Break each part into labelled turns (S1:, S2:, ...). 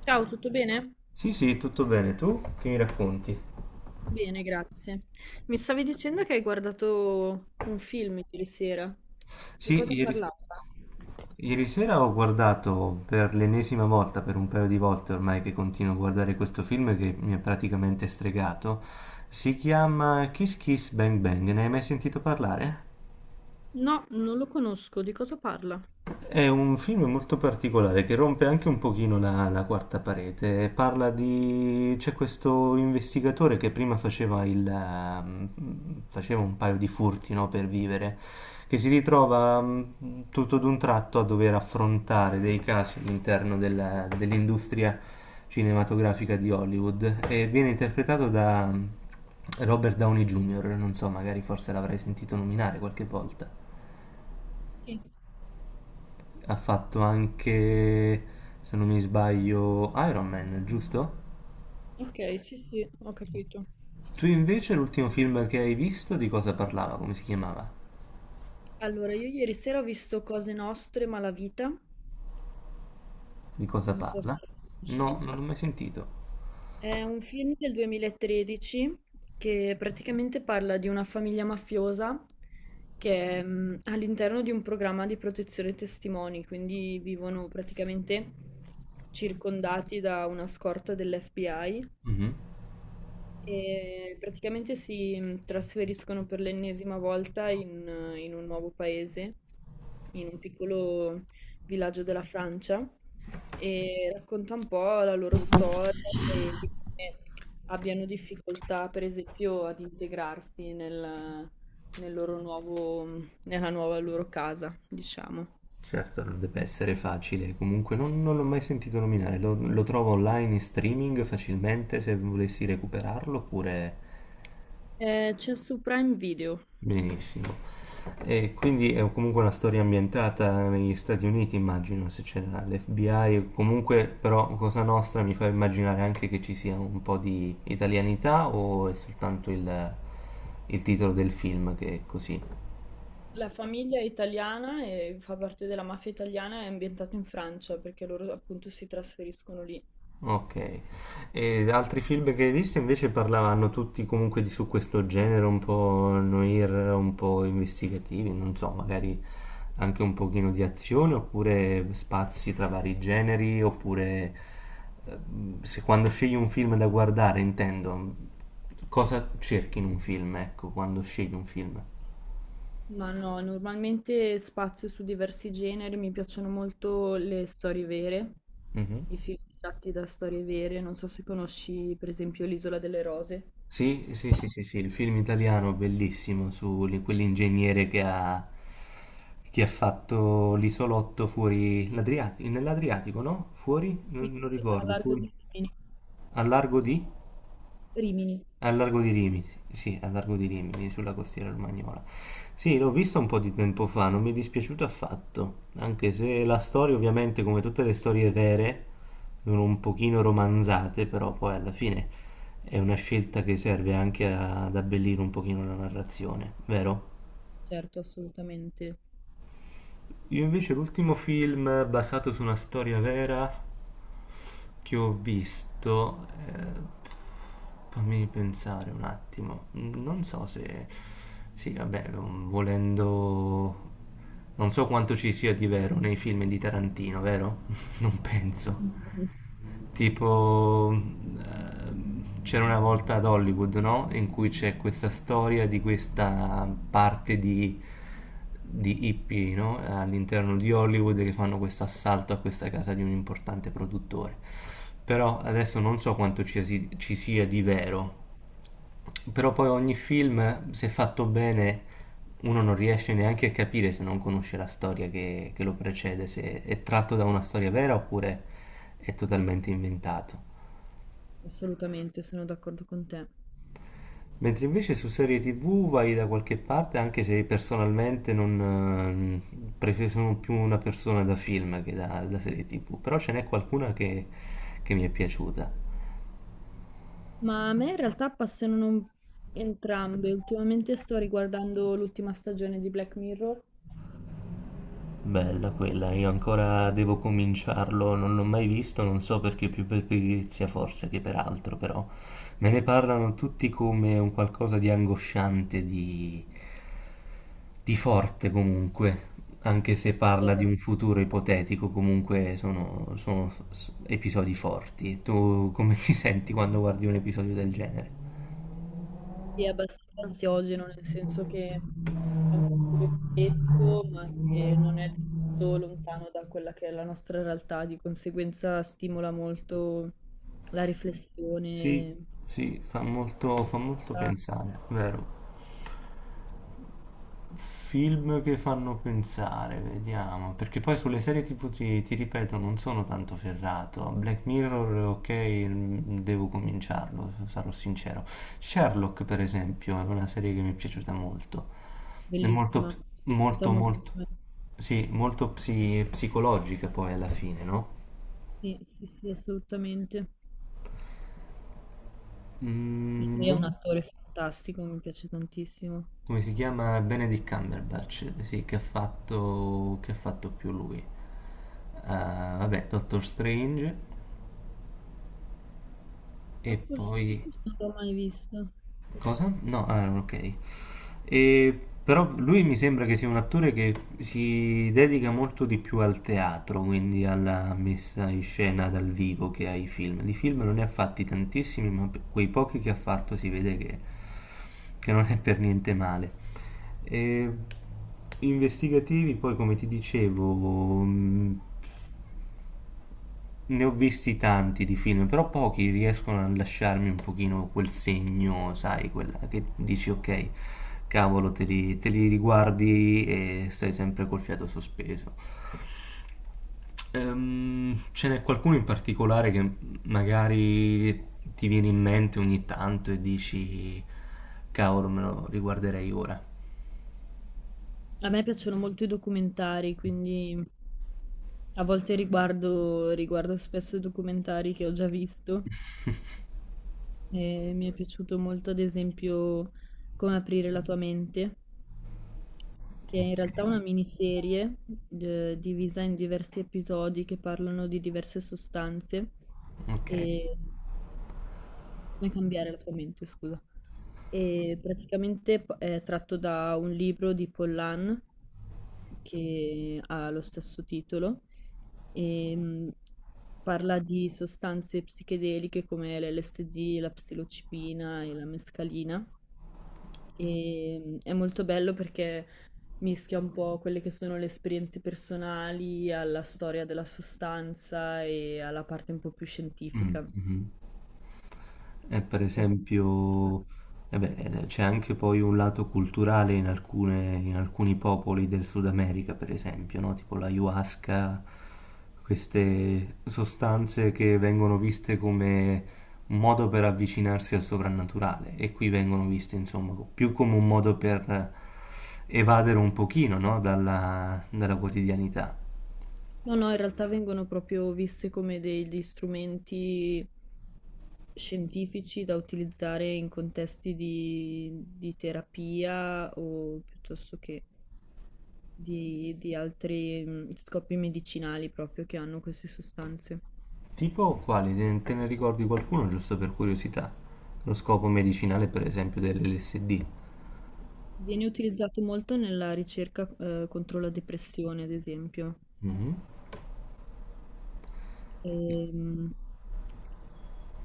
S1: Ciao, tutto bene?
S2: Sì, sì, tutto bene. Tu che mi racconti?
S1: Bene, grazie. Mi stavi dicendo che hai guardato un film ieri sera. Di
S2: Sì,
S1: cosa
S2: ieri,
S1: parlava?
S2: ieri sera ho guardato per l'ennesima volta, per un paio di volte ormai che continuo a guardare questo film che mi ha praticamente stregato. Si chiama Kiss Kiss Bang Bang. Ne hai mai sentito parlare?
S1: No, non lo conosco. Di cosa parla?
S2: È un film molto particolare che rompe anche un pochino la quarta parete. Parla di... c'è questo investigatore che prima faceva faceva un paio di furti, no, per vivere, che si ritrova tutto d'un tratto a dover affrontare dei casi all'interno dell'industria cinematografica di Hollywood e viene interpretato da Robert Downey Jr., non so, magari forse l'avrai sentito nominare qualche volta.
S1: Sì.
S2: Ha fatto anche, se non mi sbaglio, Iron Man, giusto?
S1: Ok, sì, sì, ho capito.
S2: Tu invece l'ultimo film che hai visto di cosa parlava? Come si chiamava?
S1: Allora, io ieri sera ho visto Cose Nostre, Malavita.
S2: Di cosa
S1: Non so se
S2: parla?
S1: lo conosci.
S2: No, non l'ho mai sentito.
S1: È un film del 2013 che praticamente parla di una famiglia mafiosa che è all'interno di un programma di protezione testimoni, quindi vivono praticamente circondati da una scorta dell'FBI
S2: Mhm.
S1: e praticamente si trasferiscono per l'ennesima volta in, in un nuovo paese, in un piccolo villaggio della Francia, e racconta un po' la loro storia e di come abbiano difficoltà, per esempio, ad integrarsi nel, nel loro nuovo, nella nuova loro casa, diciamo.
S2: Certo, non deve essere facile. Comunque non l'ho mai sentito nominare. Lo trovo online in streaming facilmente se volessi recuperarlo oppure
S1: C'è su Prime Video.
S2: benissimo. E quindi è comunque una storia ambientata negli Stati Uniti, immagino, se c'era l'FBI, o comunque però Cosa Nostra mi fa immaginare anche che ci sia un po' di italianità o è soltanto il titolo del film che è così?
S1: La famiglia è italiana e fa parte della mafia italiana, è ambientato in Francia perché loro appunto si trasferiscono lì.
S2: Ok. E altri film che hai visto invece parlavano tutti comunque di su questo genere un po' noir, un po' investigativi, non so, magari anche un pochino di azione, oppure spazi tra vari generi, oppure eh, se quando scegli un film da guardare, intendo, cosa cerchi in un film, ecco, quando scegli un film.
S1: Ma no, normalmente spazio su diversi generi, mi piacciono molto le storie vere,
S2: Mhm.
S1: i film tratti da storie vere, non so se conosci per esempio L'Isola delle Rose.
S2: Sì, sì, sì, sì, sì, il film italiano bellissimo su quell'ingegnere che ha, fatto l'isolotto fuori l'Adriatico, nell'Adriatico, no? Fuori?
S1: Sì,
S2: Non
S1: sì, a
S2: ricordo,
S1: largo
S2: fuori.
S1: di Rimini.
S2: Al largo di?
S1: Rimini,
S2: Al largo di Rimini, sì, al largo di Rimini, sulla costiera romagnola. Sì, l'ho visto un po' di tempo fa, non mi è dispiaciuto affatto, anche se la storia ovviamente, come tutte le storie vere, sono un pochino romanzate, però poi alla fine è una scelta che serve anche ad abbellire un pochino la narrazione, vero?
S1: certo, assolutamente.
S2: Io invece l'ultimo film basato su una storia vera che ho visto, fammi pensare un attimo, non so se... Sì, vabbè, volendo... Non so quanto ci sia di vero nei film di Tarantino, vero? Non penso
S1: Mhm.
S2: tipo c'era una volta ad Hollywood, no? In cui c'è questa storia di questa parte di hippie, no? All'interno di Hollywood che fanno questo assalto a questa casa di un importante produttore. Però adesso non so quanto ci sia di vero, però poi ogni film, se fatto bene, uno non riesce neanche a capire se non conosce la storia che lo precede, se è tratto da una storia vera oppure è totalmente inventato.
S1: Assolutamente, sono d'accordo con te.
S2: Mentre invece su serie TV vai da qualche parte, anche se personalmente non sono più una persona da film che da serie TV, però ce n'è qualcuna che mi è piaciuta.
S1: Ma a me in realtà passano entrambe. Ultimamente sto riguardando l'ultima stagione di Black Mirror,
S2: Bella quella, io ancora devo cominciarlo, non l'ho mai visto, non so perché più per pigrizia forse che per altro, però me ne parlano tutti come un qualcosa di angosciante, di forte comunque, anche se
S1: che è
S2: parla di un futuro ipotetico, comunque sono episodi forti. Tu come ti senti quando guardi un episodio del genere?
S1: è abbastanza ansiogeno, nel senso che è un futuro ipotetico, ma che non è tutto lontano da quella che è la nostra realtà, di conseguenza stimola molto la
S2: Sì,
S1: riflessione.
S2: sì, fa molto
S1: Ah,
S2: pensare, vero? Film che fanno pensare, vediamo, perché poi sulle serie TV ti ripeto non sono tanto ferrato. Black Mirror, ok, devo cominciarlo, sarò sincero. Sherlock, per esempio, è una serie che mi è piaciuta molto. È molto,
S1: bellissima, mi è piaciuta
S2: molto,
S1: molto.
S2: molto, sì, molto psicologica poi alla fine, no?
S1: Sì, sì, sì, assolutamente.
S2: Mm,
S1: Lui è un
S2: non-
S1: attore fantastico, mi piace tantissimo.
S2: come si chiama? Benedict Cumberbatch, sì, che ha fatto più lui. Vabbè, Doctor Strange. E
S1: Doctor
S2: poi...
S1: Strange non l'ho mai visto.
S2: Cosa? No, ah, ok. E, però lui mi sembra che sia un attore che si dedica molto di più al teatro, quindi alla messa in scena dal vivo che ai film. Di film non ne ha fatti tantissimi, ma per quei pochi che ha fatto si vede che non è per niente male. E, investigativi, poi come ti dicevo, mh, ne ho visti tanti di film, però pochi riescono a lasciarmi un pochino quel segno, sai, quella che dici: "Okay, cavolo, te li riguardi e stai sempre col fiato sospeso". Ce n'è qualcuno in particolare che, magari ti viene in mente ogni tanto e dici: "Cavolo, me lo riguarderei ora".
S1: A me piacciono molto i documentari, quindi a volte riguardo, riguardo spesso documentari che ho già visto. E mi è piaciuto molto, ad esempio, Come aprire la tua mente, che è in
S2: Okay,
S1: realtà una miniserie divisa in diversi episodi che parlano di diverse sostanze
S2: okay.
S1: e come cambiare la tua mente, scusa. E praticamente è tratto da un libro di Pollan che ha lo stesso titolo e parla di sostanze psichedeliche come l'LSD, la psilocibina e la mescalina. E è molto bello perché mischia un po' quelle che sono le esperienze personali alla storia della sostanza e alla parte un po' più scientifica.
S2: Mh-mh. E per
S1: Molto interessante.
S2: esempio, eh beh, c'è anche poi un lato culturale in alcuni popoli del Sud America, per esempio, no? Tipo l'ayahuasca, queste sostanze che vengono viste come un modo per avvicinarsi al soprannaturale e qui vengono viste, insomma, più come un modo per evadere un pochino, no? Dalla quotidianità.
S1: No, no, in realtà vengono proprio viste come degli strumenti scientifici da utilizzare in contesti di terapia o piuttosto che di altri scopi medicinali proprio che hanno queste sostanze.
S2: Tipo o quali? Te ne ricordi qualcuno giusto per curiosità? Lo scopo medicinale, per esempio, dell'LSD.
S1: Viene utilizzato molto nella ricerca, contro la depressione, ad esempio. Ehm,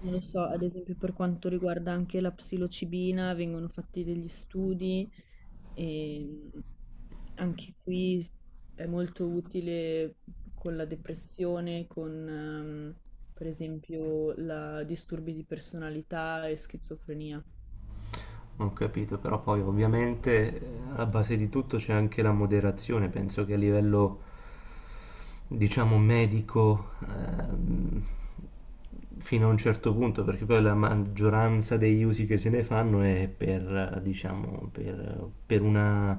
S1: non lo so, ad esempio per quanto riguarda anche la psilocibina, vengono fatti degli studi e anche qui è molto utile con la depressione, con per esempio la disturbi di personalità e schizofrenia.
S2: Non capito, però poi ovviamente alla base di tutto c'è anche la moderazione. Penso che a livello, diciamo, medico, fino a un certo punto, perché poi la maggioranza degli usi che se ne fanno è per, diciamo, per una,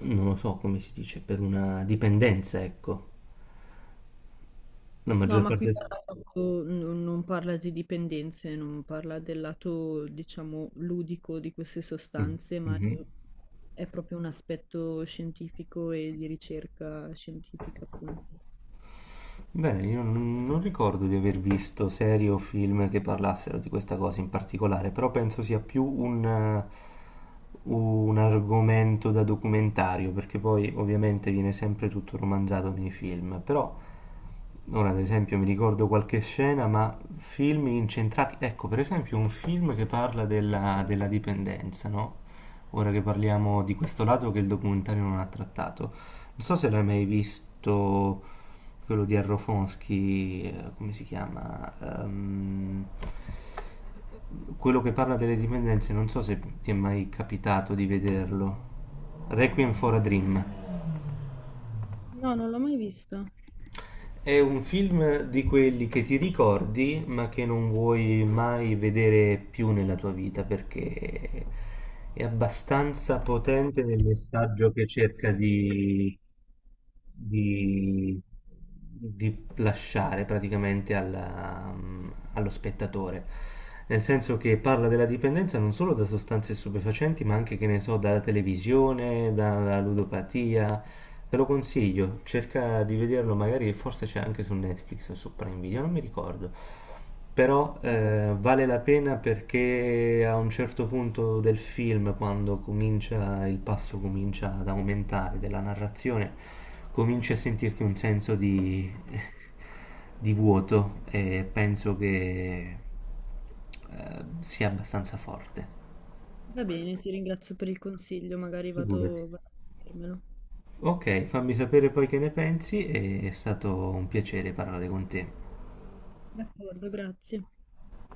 S2: non lo so come si dice, per una dipendenza, ecco. La
S1: No,
S2: maggior
S1: ma qui
S2: parte...
S1: parla proprio- n- non parla di dipendenze, non parla del lato, diciamo, ludico di queste
S2: Mm,
S1: sostanze, ma
S2: mhm.
S1: è proprio un aspetto scientifico e di ricerca scientifica, appunto.
S2: Bene, io non ricordo di aver visto serie o film che parlassero di questa cosa in particolare, però penso sia più un argomento da documentario, perché poi ovviamente viene sempre tutto romanzato nei film, però. Ora, ad esempio, mi ricordo qualche scena, ma film incentrati. Ecco, per esempio, un film che parla della dipendenza, no? Ora che parliamo di questo lato che il documentario non ha trattato. Non so se l'hai mai visto quello di Arrofonsky, come si chiama? Ehm, quello che parla delle dipendenze, non so se ti è mai capitato di vederlo. Requiem for a Dream.
S1: No, non l'ho mai vista.
S2: È un film di quelli che ti ricordi, ma che non vuoi mai vedere più nella tua vita perché è abbastanza potente nel messaggio che cerca di- di lasciare praticamente allo spettatore, nel senso che parla della dipendenza non solo da sostanze stupefacenti, ma anche, che ne so, dalla televisione, dalla ludopatia. Te lo consiglio, cerca di vederlo magari, forse c'è anche su Netflix o su Prime Video, non mi ricordo. Però
S1: Va
S2: vale la pena perché a un certo punto del film, quando comincia, il passo comincia ad aumentare della narrazione, cominci a sentirti un senso di, di vuoto e penso che sia abbastanza forte.
S1: va bene, ti ringrazio per il consiglio, magari
S2: Figurati.
S1: vado a vedermelo.
S2: Ok, fammi sapere poi che ne pensi, è stato un piacere parlare con te.
S1: D'accordo, grazie.